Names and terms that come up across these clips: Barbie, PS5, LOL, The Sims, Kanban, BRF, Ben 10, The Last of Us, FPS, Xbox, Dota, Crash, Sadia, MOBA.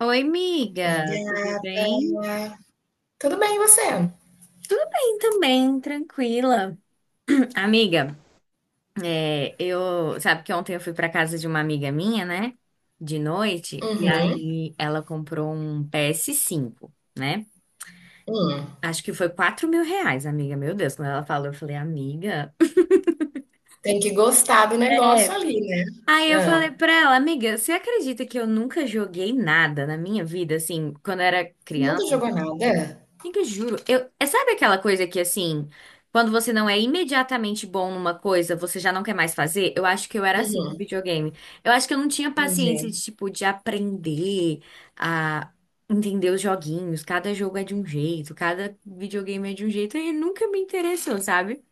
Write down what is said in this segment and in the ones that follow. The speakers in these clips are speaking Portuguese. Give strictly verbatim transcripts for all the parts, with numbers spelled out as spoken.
Oi, Oi, amiga, tudo gata. bem? Tudo bem, e você? Tudo bem também, tranquila. Amiga, é, eu, sabe que ontem eu fui para casa de uma amiga minha, né? De noite, e Uhum, aí ela comprou um ps cinco, né? hum. Acho que foi quatro mil reais, amiga. Meu Deus, quando ela falou, eu falei, amiga. Tem que gostar do negócio É. ali, né? Aí eu Hã. falei pra ela, amiga, você acredita que eu nunca joguei nada na minha vida, assim, quando eu era Você nunca criança? jogou nada? Amiga, juro. Eu, é, sabe aquela coisa que, assim, quando você não é imediatamente bom numa coisa, você já não quer mais fazer? Eu acho que eu era assim com Uhum, videogame. Eu acho que eu não tinha paciência entendi. de, tipo, de aprender a entender os joguinhos. Cada jogo é de um jeito, cada videogame é de um jeito, e nunca me interessou, sabe?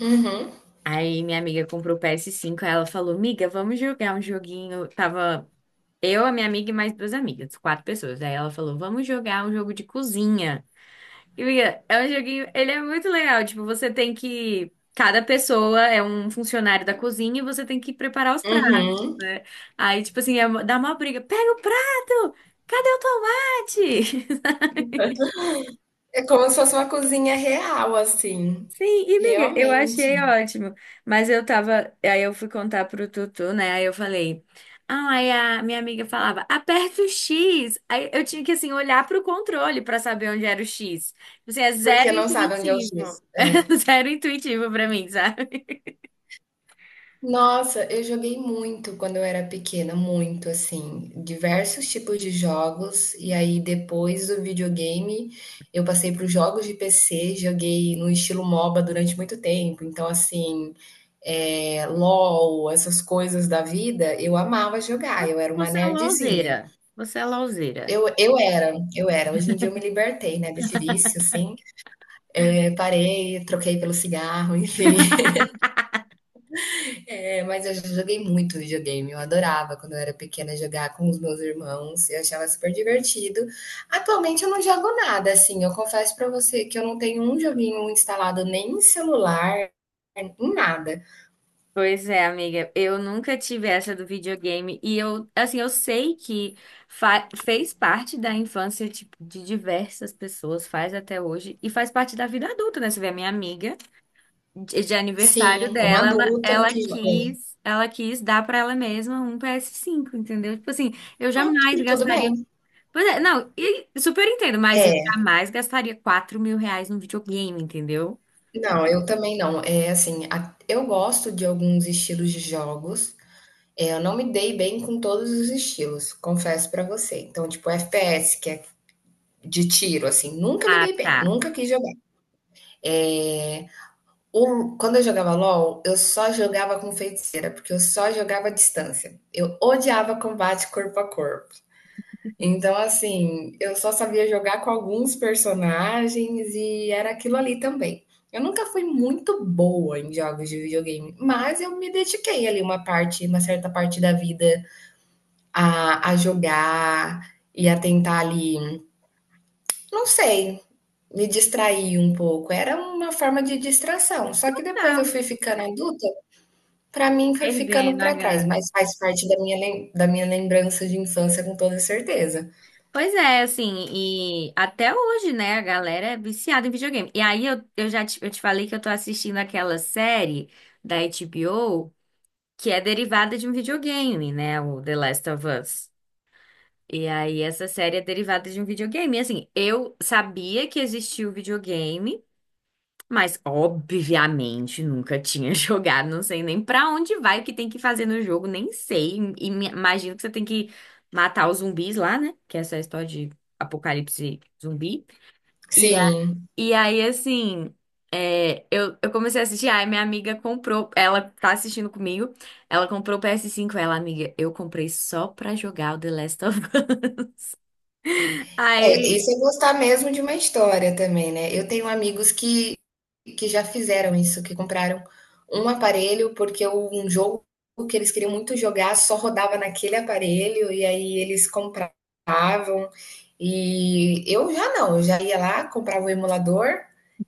Uhum, Aí minha amiga comprou o P S cinco, aí ela falou, miga, vamos jogar um joguinho. Tava eu, a minha amiga e mais duas amigas, quatro pessoas. Aí ela falou, vamos jogar um jogo de cozinha. E, miga, é um joguinho, ele é muito legal. Tipo, você tem que. Cada pessoa é um funcionário da cozinha e você tem que preparar os pratos, uhum. né? Aí, tipo assim, é uma- dá uma briga. Pega o prato! Cadê o tomate? É como se fosse uma cozinha real, assim, Sim, e miga, eu achei realmente, ótimo. Mas eu tava. Aí eu fui contar pro Tutu, né? Aí eu falei. Ah, aí a minha amiga falava, aperta o X. Aí eu tinha que, assim, olhar pro controle pra saber onde era o X. Tipo Assim, é zero porque não sabe onde é o intuitivo. X. É. É zero intuitivo pra mim, sabe? Nossa, eu joguei muito quando eu era pequena, muito assim, diversos tipos de jogos. E aí depois do videogame, eu passei para os jogos de P C, joguei no estilo MOBA durante muito tempo. Então assim, é, LOL, essas coisas da vida, eu amava jogar. Eu era uma Você é nerdzinha. louzeira. Você é louzeira. Eu, eu era, eu era. Hoje em dia eu me libertei, né, desse vício, assim. É, parei, troquei pelo cigarro, enfim. É, mas eu já joguei muito videogame. Eu adorava quando eu era pequena jogar com os meus irmãos. Eu achava super divertido. Atualmente eu não jogo nada, assim. Eu confesso pra você que eu não tenho um joguinho instalado nem em celular, em nada. Pois é, amiga, eu nunca tive essa do videogame e eu, assim, eu sei que fa- fez parte da infância, tipo, de diversas pessoas, faz até hoje e faz parte da vida adulta, né? Você vê a minha amiga, de, de aniversário Sim, uma dela, ela, adulta ela que joga. quis, ela quis dar pra ela mesma um ps cinco, entendeu? Tipo assim, eu Ok, jamais tudo gastaria. bem. Pois é, não, e super entendo, mas eu É, jamais gastaria quatro mil reais num videogame, entendeu? não, eu também não. É assim, a- eu gosto de alguns estilos de jogos. É, eu não me dei bem com todos os estilos, confesso pra você. Então, tipo, F P S, que é de tiro, assim, nunca me Ah, dei bem, tá. nunca quis jogar. O Quando eu jogava LOL, eu só jogava com feiticeira, porque eu só jogava à distância. Eu odiava combate corpo a corpo. Então, assim, eu só sabia jogar com alguns personagens e era aquilo ali também. Eu nunca fui muito boa em jogos de videogame, mas eu me dediquei ali uma parte, uma certa parte da vida a a jogar e a tentar ali, não sei, me distrair um pouco. Era uma forma de distração. Só que depois eu Não, fui ficando adulta, pra mim foi ficando perdendo a pra trás, mas graça. faz parte da minha, lem- da minha lembrança de infância com toda certeza. Pois é, assim, e até hoje, né, a galera é viciada em videogame. E aí eu, eu já te, eu te falei que eu tô assistindo aquela série da H B O que é derivada de um videogame, né, o The Last of Us. E aí essa série é derivada de um videogame. E, assim, eu sabia que existia o videogame, mas, obviamente, nunca tinha jogado, não sei nem pra onde vai, o que tem que fazer no jogo, nem sei. E me- imagino que você tem que matar os zumbis lá, né? Que é essa história de apocalipse zumbi. E, a- Sim. e aí, assim, é, eu, eu comecei a assistir, aí minha amiga comprou, ela tá assistindo comigo, ela comprou o P S cinco, ela, amiga, eu comprei só pra jogar o The Last of Us. É, Aí. isso é gostar mesmo de uma história também, né? Eu tenho amigos que, que já fizeram isso, que compraram um aparelho porque um jogo que eles queriam muito jogar só rodava naquele aparelho e aí eles compravam. E eu já não, eu já ia lá, comprava o emulador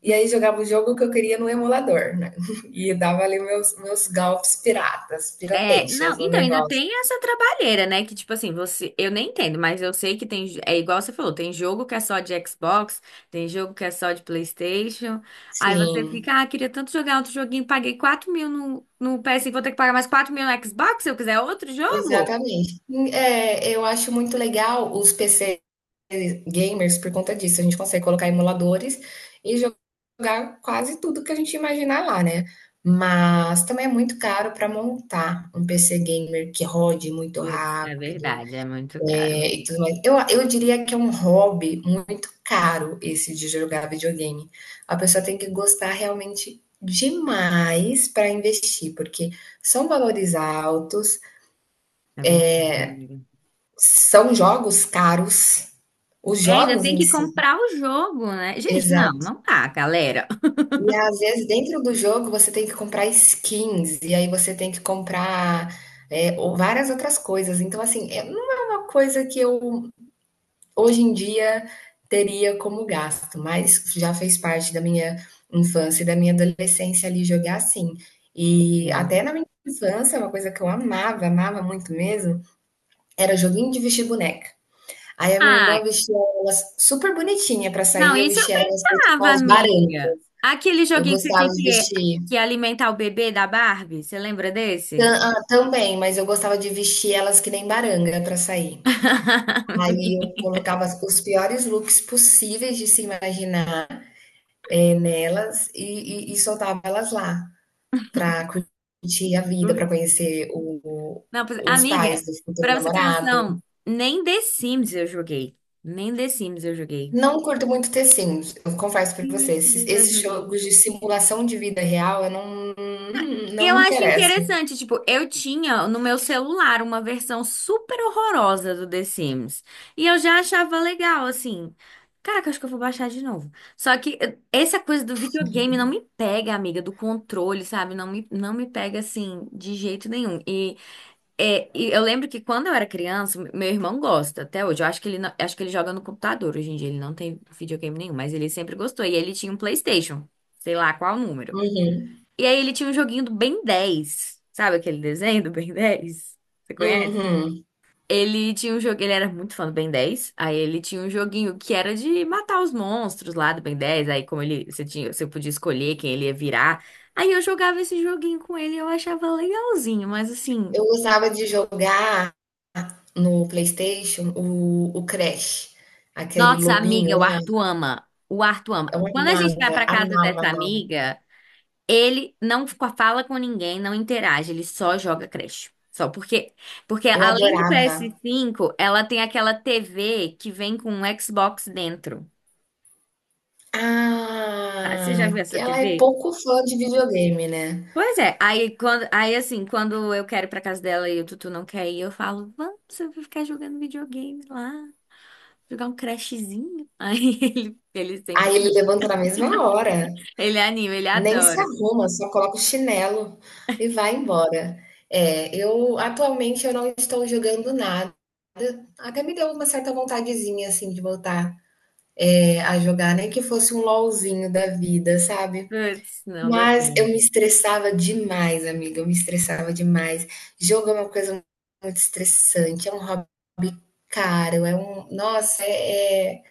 e aí jogava o jogo que eu queria no emulador, né? E dava ali meus, meus golpes piratas, É, não, pirateations no então ainda negócio. tem essa trabalheira, né? Que tipo assim, você, eu nem entendo, mas eu sei que tem, é igual você falou, tem jogo que é só de Xbox, tem jogo que é só de PlayStation. Aí você Sim. fica, ah, queria tanto jogar outro joguinho, paguei quatro mil no, no P S e vou ter que pagar mais quatro mil no Xbox se eu quiser outro jogo? Exatamente. É, eu acho muito legal os P C gamers por conta disso. A gente consegue colocar emuladores e jogar quase tudo que a gente imaginar lá, né? Mas também é muito caro para montar um P C gamer que rode muito Putz, é rápido, verdade, é muito caro, mas é, e tudo mais. Eu, eu diria que é um hobby muito caro esse de jogar videogame. A pessoa tem que gostar realmente demais para investir, porque são valores altos. é verdade, amiga. São jogos caros, os É, ainda jogos tem em que si. comprar o jogo, né? Gente, não, Exato. não tá, galera. E às vezes dentro do jogo você tem que comprar skins, e aí você tem que comprar é, ou várias outras coisas. Então, assim, é- não é uma coisa que eu hoje em dia teria como gasto, mas já fez parte da minha infância e da minha adolescência ali jogar assim. E É. até na minha infância, uma coisa que eu amava, amava muito mesmo, era joguinho de vestir boneca. Aí a minha irmã Ah, vestia elas super bonitinha para Não, sair, eu isso eu vestia elas feito com brincava, os amiga. barangas. Aquele Eu joguinho que você gostava tinha de que, vestir que alimentar o bebê da Barbie, você lembra tam desse? ah, também, mas eu gostava de vestir elas que nem baranga para sair. Aí eu colocava os piores looks possíveis de se imaginar, eh, nelas e e e soltava elas lá, para curtir a vida, para conhecer o Não, pois- os amiga, pais do futuro pra você ter namorado. noção, nem The Sims eu joguei. Nem The Sims eu joguei. Não curto muito The Eu confesso para Nem The você, esses Sims eu esses joguei. jogos de simulação de vida real eu não hum, E não Eu me acho interessam. interessante, tipo, eu tinha no meu celular uma versão super horrorosa do The Sims. E eu já achava legal, assim. Caraca, acho que eu vou baixar de novo. Só que eh, essa coisa do videogame não me pega, amiga, do controle, sabe? Não me, não me pega, assim, de jeito nenhum. E, é, e eu lembro que quando eu era criança, meu irmão gosta até hoje. Eu acho que ele, não- acho que ele joga no computador hoje em dia. Ele não tem videogame nenhum, mas ele sempre gostou. E ele tinha um PlayStation, sei lá qual número. E aí ele tinha um joguinho do Ben dez. Sabe aquele desenho do Ben dez? Você conhece? Uhum. Ele tinha um jogo, ele era muito fã do Ben dez. Aí ele tinha um joguinho que era de matar os monstros lá do Ben dez. Aí como ele, você tinha, você podia escolher quem ele ia virar. Aí eu jogava esse joguinho com ele e eu achava legalzinho, mas assim, Eu gostava de jogar no PlayStation o o Crash, aquele nossa lobinho amiga, o lá, Arthur ama. O Arthur ama. eu Quando a gente vai amava, pra casa amava, dessa amava, amiga, Ele não fala com ninguém, não interage, ele só joga Crash. Só porque, porque eu além do adorava. ps cinco, ela tem aquela T V que vem com um Xbox dentro. Ah, Você já viu Ah, que essa ela é T V? pouco fã de videogame, né. Pois é, aí quando, aí assim, quando eu quero ir pra casa dela e o Tutu não quer ir, eu falo, vamos, eu vou ficar jogando videogame lá, jogar um Crashzinho. Aí ele, ele sempre, Aí ele anima. levanta na mesma hora. Ele anima, ele Nem se adora. arruma, só coloca o chinelo e vai embora. É, eu atualmente eu não estou jogando nada. Até me deu uma certa vontadezinha assim de voltar é, a jogar, nem que fosse um LOLzinho da vida, sabe? Putz, não dou Mas eu me conta. estressava demais, amiga. Eu me estressava demais. Jogo é uma coisa muito estressante, é um hobby caro, é um. Nossa, é, é...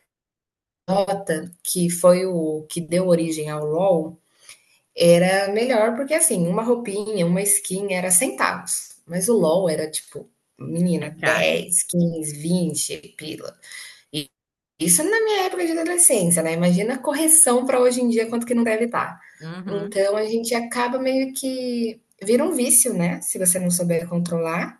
Dota, que foi o que deu origem ao LoL. Era melhor porque, assim, uma roupinha, uma skin era centavos, mas o LOL era tipo, É menina, caro. dez quinze vinte pila. E isso na minha época de adolescência, né? Imagina a correção para hoje em dia, quanto que não deve estar. Uhum, Então a gente acaba meio que vira um vício, né? Se você não souber controlar.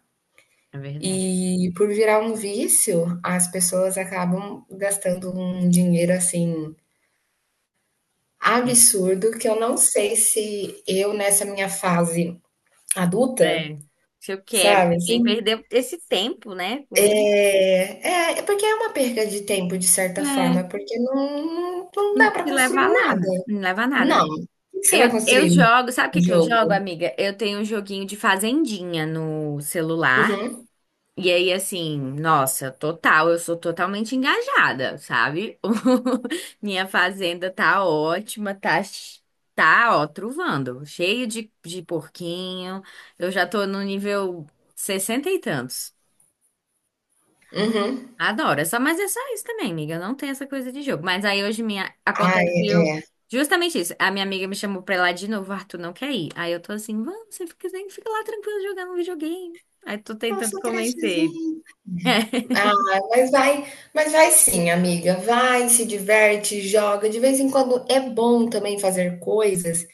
é verdade. E por virar um vício, as pessoas acabam gastando um dinheiro assim É. absurdo que eu não sei se eu nessa minha fase adulta? É. Se eu quero Sabe, também assim? perder esse tempo, né, com isso. É, é é porque é uma perca de tempo, de certa É, forma, porque não não não não dá pra te leva construir lá, né? nada. não leva a nada, né? Não, o que que você vai Eu, eu construir no jogo, sabe o que que eu jogo, jogo? amiga? Eu tenho um joguinho de fazendinha no celular. Uhum, E aí, assim, nossa, total, eu sou totalmente engajada, sabe? Minha fazenda tá ótima, tá, ch- tá, ó, truvando, cheio de, de porquinho. Eu já tô no nível sessenta e tantos. uhum. Adoro, é só, mas é só isso também, amiga. Não tem essa coisa de jogo. Mas aí hoje minha Ai, aconteceu justamente isso. A minha amiga me chamou pra ir lá de novo, o Arthur não quer ir. Aí eu tô assim, vamos, você fica, fica lá tranquilo jogando um videogame. Aí tô tentando nossa, convencer ele. crechezinha. Ah, mas vai mas vai sim, amiga, vai, se diverte, joga. De vez em quando é bom também fazer coisas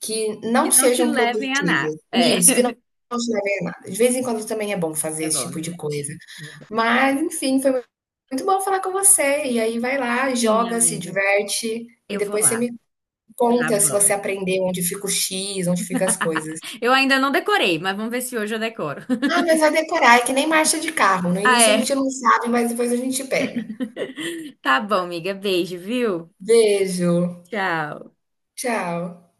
que não Que não te sejam levem a nada. produtivas. É, Isso, que não não te levem a nada. De vez em quando também é bom fazer é esse bom, é tipo de verdade. coisa. é verdade. Mas, enfim, foi muito bom falar com você. E aí vai lá, Sim, joga, se amiga. diverte e Eu vou depois você lá. me Tá conta se você bom. aprendeu onde fica o X, onde fica as coisas. Eu ainda não decorei, mas vamos ver se hoje eu decoro. Ah, mas vai decorar, é que nem marcha de carro. No Ah, início a é. gente não sabe, mas depois a gente pega. Tá bom, amiga. Beijo, viu? Beijo. Tchau. Tchau.